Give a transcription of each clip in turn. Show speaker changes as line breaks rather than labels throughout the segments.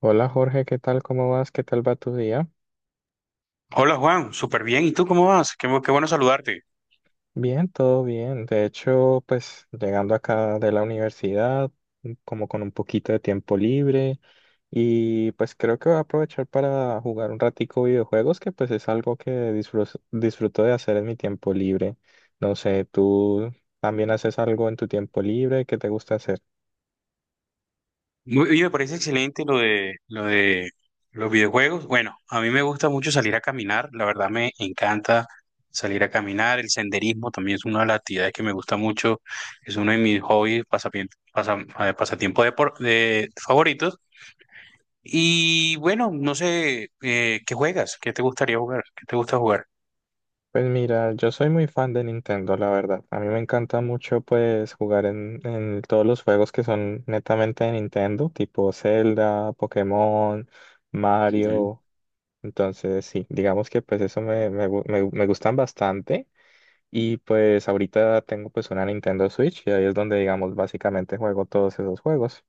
Hola Jorge, ¿qué tal? ¿Cómo vas? ¿Qué tal va tu día?
Hola Juan, súper bien. ¿Y tú cómo vas? Qué bueno saludarte.
Bien, todo bien. De hecho, pues llegando acá de la universidad, como con un poquito de tiempo libre y pues creo que voy a aprovechar para jugar un ratico videojuegos, que pues es algo que disfruto de hacer en mi tiempo libre. No sé, ¿tú también haces algo en tu tiempo libre? ¿Qué te gusta hacer?
Oye, me parece excelente lo de los videojuegos. Bueno, a mí me gusta mucho salir a caminar. La verdad me encanta salir a caminar. El senderismo también es una de las actividades que me gusta mucho. Es uno de mis hobbies, pasatiempos de favoritos. Y bueno, no sé, ¿qué juegas? ¿Qué te gustaría jugar? ¿Qué te gusta jugar?
Pues mira, yo soy muy fan de Nintendo, la verdad. A mí me encanta mucho pues jugar en todos los juegos que son netamente de Nintendo, tipo Zelda, Pokémon, Mario. Entonces sí, digamos que pues eso me gustan bastante. Y pues ahorita tengo pues una Nintendo Switch y ahí es donde digamos básicamente juego todos esos juegos.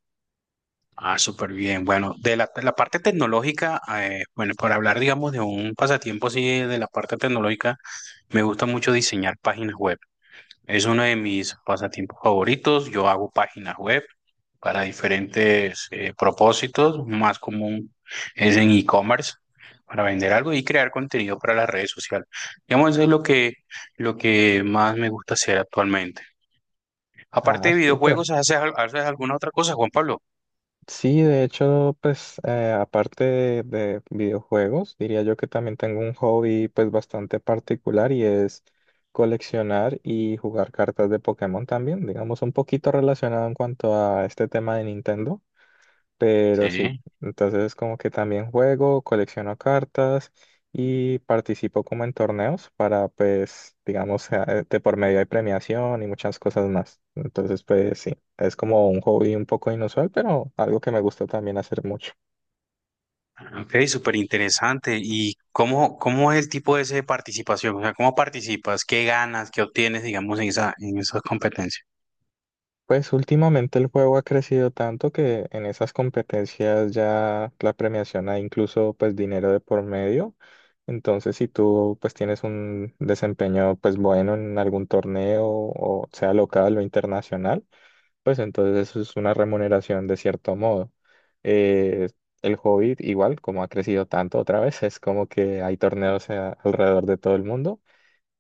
Ah, súper bien. Bueno, de la parte tecnológica, bueno, para hablar, digamos, de un pasatiempo así de la parte tecnológica, me gusta mucho diseñar páginas web. Es uno de mis pasatiempos favoritos. Yo hago páginas web para diferentes propósitos. Más común es en e-commerce, para vender algo y crear contenido para las redes sociales. Digamos, eso es lo que más me gusta hacer actualmente. Aparte
Ah,
de
súper.
videojuegos, ¿haces alguna otra cosa, Juan Pablo?
Sí, de hecho, pues aparte de videojuegos, diría yo que también tengo un hobby pues bastante particular y es coleccionar y jugar cartas de Pokémon también, digamos un poquito relacionado en cuanto a este tema de Nintendo. Pero sí,
Sí.
entonces como que también juego, colecciono cartas y participo como en torneos para pues, digamos, de por medio de premiación y muchas cosas más. Entonces pues sí, es como un hobby un poco inusual, pero algo que me gusta también hacer mucho.
Ok, súper interesante. ¿Y cómo es el tipo ese de participación? O sea, ¿cómo participas? ¿Qué ganas? ¿Qué obtienes, digamos, en esas competencias?
Pues últimamente el juego ha crecido tanto que en esas competencias ya la premiación hay incluso pues dinero de por medio. Entonces si tú pues tienes un desempeño pues bueno en algún torneo o sea local o internacional, pues entonces eso es una remuneración de cierto modo. Eh, el hobby igual como ha crecido tanto otra vez es como que hay torneos alrededor de todo el mundo.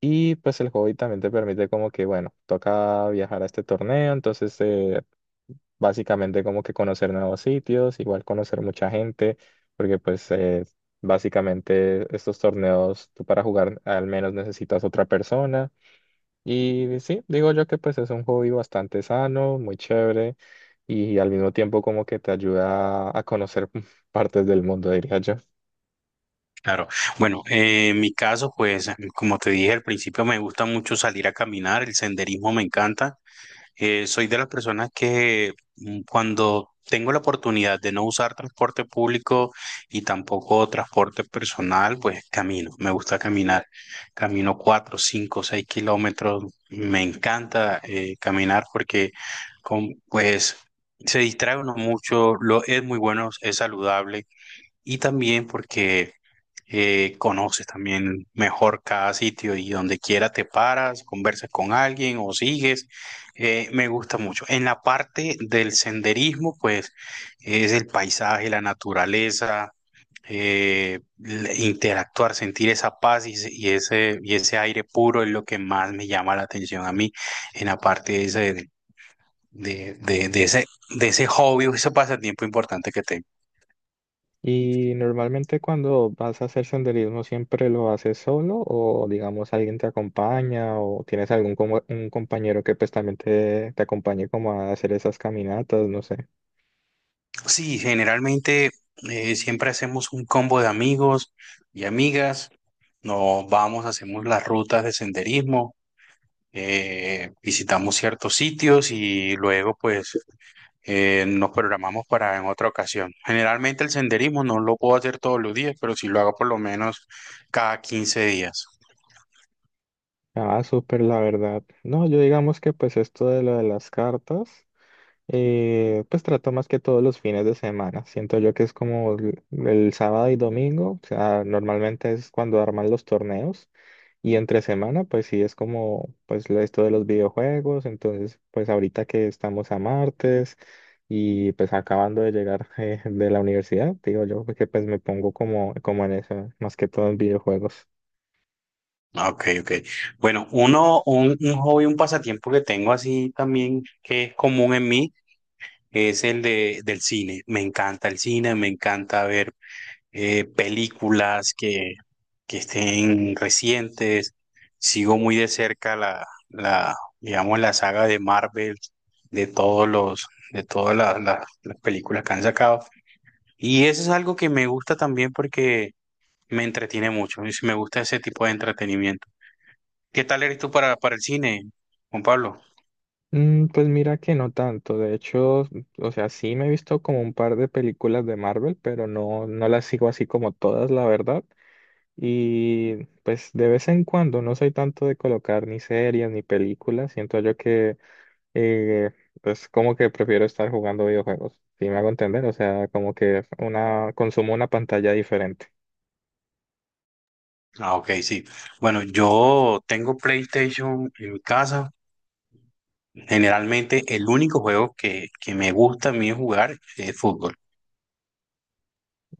Y pues el hobby también te permite como que, bueno, toca viajar a este torneo, entonces básicamente como que conocer nuevos sitios, igual conocer mucha gente, porque pues básicamente estos torneos tú para jugar al menos necesitas otra persona. Y sí, digo yo que pues es un hobby bastante sano, muy chévere y al mismo tiempo como que te ayuda a conocer partes del mundo, diría yo.
Claro. Bueno, en mi caso, pues, como te dije al principio, me gusta mucho salir a caminar, el senderismo me encanta. Soy de las personas que cuando tengo la oportunidad de no usar transporte público y tampoco transporte personal, pues camino. Me gusta caminar. Camino 4, 5, 6 kilómetros. Me encanta caminar porque pues se distrae uno mucho. Es muy bueno, es saludable y también porque conoces también mejor cada sitio y donde quiera te paras, conversas con alguien o sigues. Me gusta mucho. En la parte del senderismo, pues es el paisaje, la naturaleza, interactuar, sentir esa paz y ese aire puro es lo que más me llama la atención a mí en la parte de, de, de ese, de ese hobby o ese pasatiempo importante que tengo.
Y normalmente cuando vas a hacer senderismo, ¿siempre lo haces solo o digamos alguien te acompaña o tienes algún un compañero que pues también te acompañe como a hacer esas caminatas? No sé.
Sí, generalmente siempre hacemos un combo de amigos y amigas. Nos vamos, hacemos las rutas de senderismo, visitamos ciertos sitios y luego pues nos programamos para en otra ocasión. Generalmente el senderismo no lo puedo hacer todos los días, pero sí lo hago por lo menos cada 15 días.
Ah, súper, la verdad. No, yo digamos que pues esto de lo de las cartas, pues trato más que todos los fines de semana. Siento yo que es como el sábado y domingo, o sea, normalmente es cuando arman los torneos. Y entre semana, pues sí es como, pues esto de los videojuegos, entonces, pues ahorita que estamos a martes y pues acabando de llegar de la universidad, digo yo, porque pues me pongo como en eso, más que todo en videojuegos.
Ah, ok. Bueno, un hobby, un pasatiempo que tengo así también que es común en mí es el del cine. Me encanta el cine, me encanta ver películas que estén recientes. Sigo muy de cerca digamos, la saga de Marvel, de todas las películas que han sacado. Y eso es algo que me gusta también porque me entretiene mucho. Y me gusta ese tipo de entretenimiento. ¿Qué tal eres tú para el cine, Juan Pablo?
Pues mira que no tanto, de hecho, o sea, sí me he visto como un par de películas de Marvel, pero no las sigo así como todas, la verdad. Y pues de vez en cuando no soy tanto de colocar ni series ni películas, siento yo que y pues como que prefiero estar jugando videojuegos, si me hago entender, o sea, como que una, consumo una pantalla diferente.
Ah, ok, sí. Bueno, yo tengo PlayStation en mi casa. Generalmente el único juego que me gusta a mí jugar es fútbol.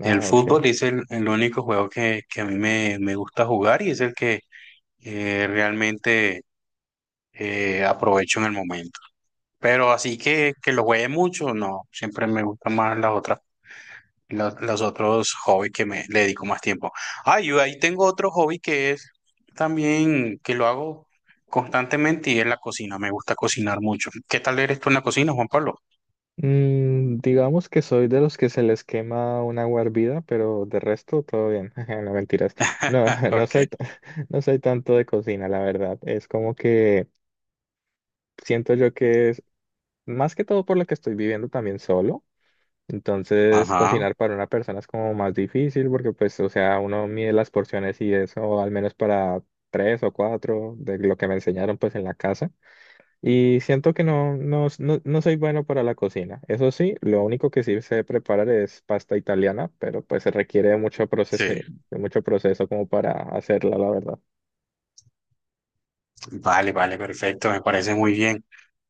El
ok.
fútbol es el único juego que a mí me gusta jugar y es el que realmente aprovecho en el momento. Pero así que lo juegue mucho, no, siempre me gustan más las otras, los otros hobbies que me le dedico más tiempo. Ah, yo ahí tengo otro hobby que es también que lo hago constantemente y es la cocina. Me gusta cocinar mucho. ¿Qué tal eres tú en la cocina, Juan Pablo?
Digamos que soy de los que se les quema un agua hervida, pero de resto todo bien. No mentiras. No, no
Ok.
no soy tanto de cocina, la verdad. Es como que siento yo que es más que todo por lo que estoy viviendo también solo. Entonces,
Ajá,
cocinar para una persona es como más difícil porque, pues, o sea, uno mide las porciones y eso, al menos para tres o cuatro de lo que me enseñaron, pues, en la casa. Y siento que no soy bueno para la cocina. Eso sí, lo único que sí sé preparar es pasta italiana, pero pues se requiere
sí.
de mucho proceso como para hacerla, la verdad.
Vale, vale, perfecto, me parece muy bien.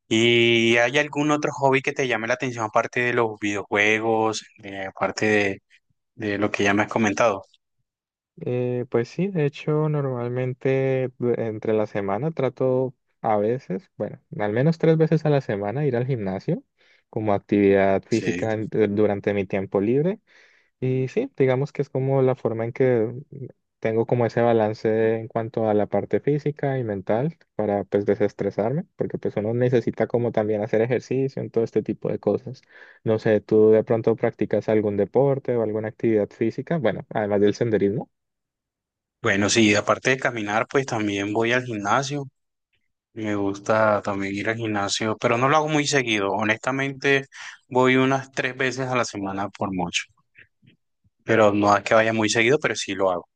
¿Y hay algún otro hobby que te llame la atención aparte de los videojuegos, aparte de lo que ya me has comentado?
Pues sí, de hecho, normalmente entre la semana trato a veces, bueno, al menos tres veces a la semana ir al gimnasio como actividad
Sí.
física durante mi tiempo libre. Y sí, digamos que es como la forma en que tengo como ese balance en cuanto a la parte física y mental para pues desestresarme, porque pues uno necesita como también hacer ejercicio en todo este tipo de cosas. No sé, ¿tú de pronto practicas algún deporte o alguna actividad física? Bueno, además del senderismo.
Bueno, sí, aparte de caminar, pues también voy al gimnasio. Me gusta también ir al gimnasio, pero no lo hago muy seguido. Honestamente, voy unas 3 veces a la semana por mucho, pero no es que vaya muy seguido, pero sí lo hago.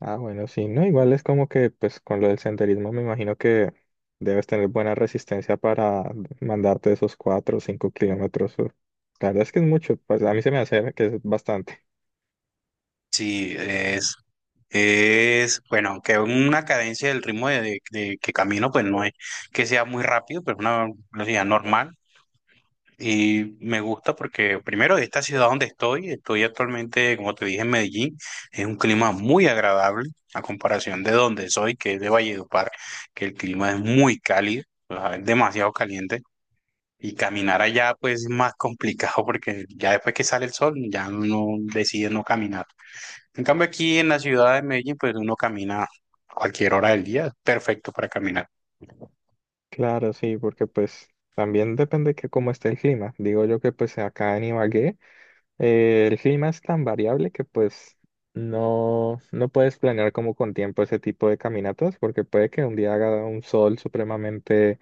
Ah, bueno, sí, no, igual es como que, pues, con lo del senderismo me imagino que debes tener buena resistencia para mandarte esos 4 o 5 kilómetros. O- La verdad es que es mucho, pues a mí se me hace que es bastante.
Sí, bueno, aunque una cadencia del ritmo de que camino, pues no es que sea muy rápido, pero es una velocidad normal. Y me gusta porque, primero, de esta ciudad donde estoy actualmente, como te dije, en Medellín, es un clima muy agradable a comparación de donde soy, que es de Valledupar, que el clima es muy cálido, o sea, es demasiado caliente. Y caminar allá, pues es más complicado porque ya después que sale el sol, ya uno decide no caminar. En cambio, aquí en la ciudad de Medellín, pues uno camina a cualquier hora del día, perfecto para caminar.
Claro, sí, porque pues también depende que cómo esté el clima. Digo yo que pues acá en Ibagué el clima es tan variable que pues no, no puedes planear como con tiempo ese tipo de caminatas porque puede que un día haga un sol supremamente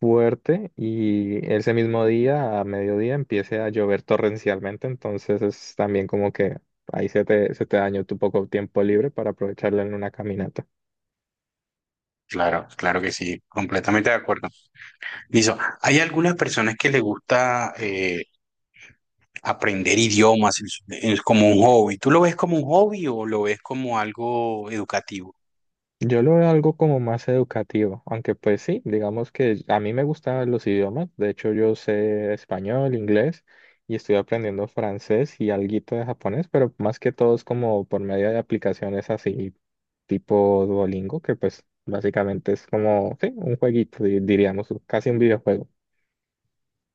fuerte y ese mismo día, a mediodía, empiece a llover torrencialmente, entonces es también como que ahí se te dañó tu poco tiempo libre para aprovecharlo en una caminata.
Claro, claro que sí, completamente de acuerdo. Listo, hay algunas personas que les gusta aprender idiomas. Como un hobby. ¿Tú lo ves como un hobby o lo ves como algo educativo?
Yo lo veo algo como más educativo, aunque pues sí, digamos que a mí me gustan los idiomas, de hecho yo sé español, inglés y estoy aprendiendo francés y alguito de japonés, pero más que todo es como por medio de aplicaciones así tipo Duolingo, que pues básicamente es como, sí, un jueguito, diríamos, casi un videojuego.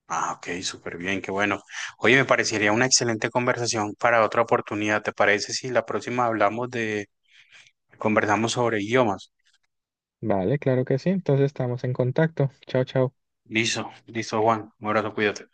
Ah, ok, súper bien, qué bueno. Oye, me parecería una excelente conversación para otra oportunidad. ¿Te parece si la próxima conversamos sobre idiomas?
Vale, claro que sí, entonces estamos en contacto. Chao, chao.
Listo, listo, Juan. Un abrazo, cuídate.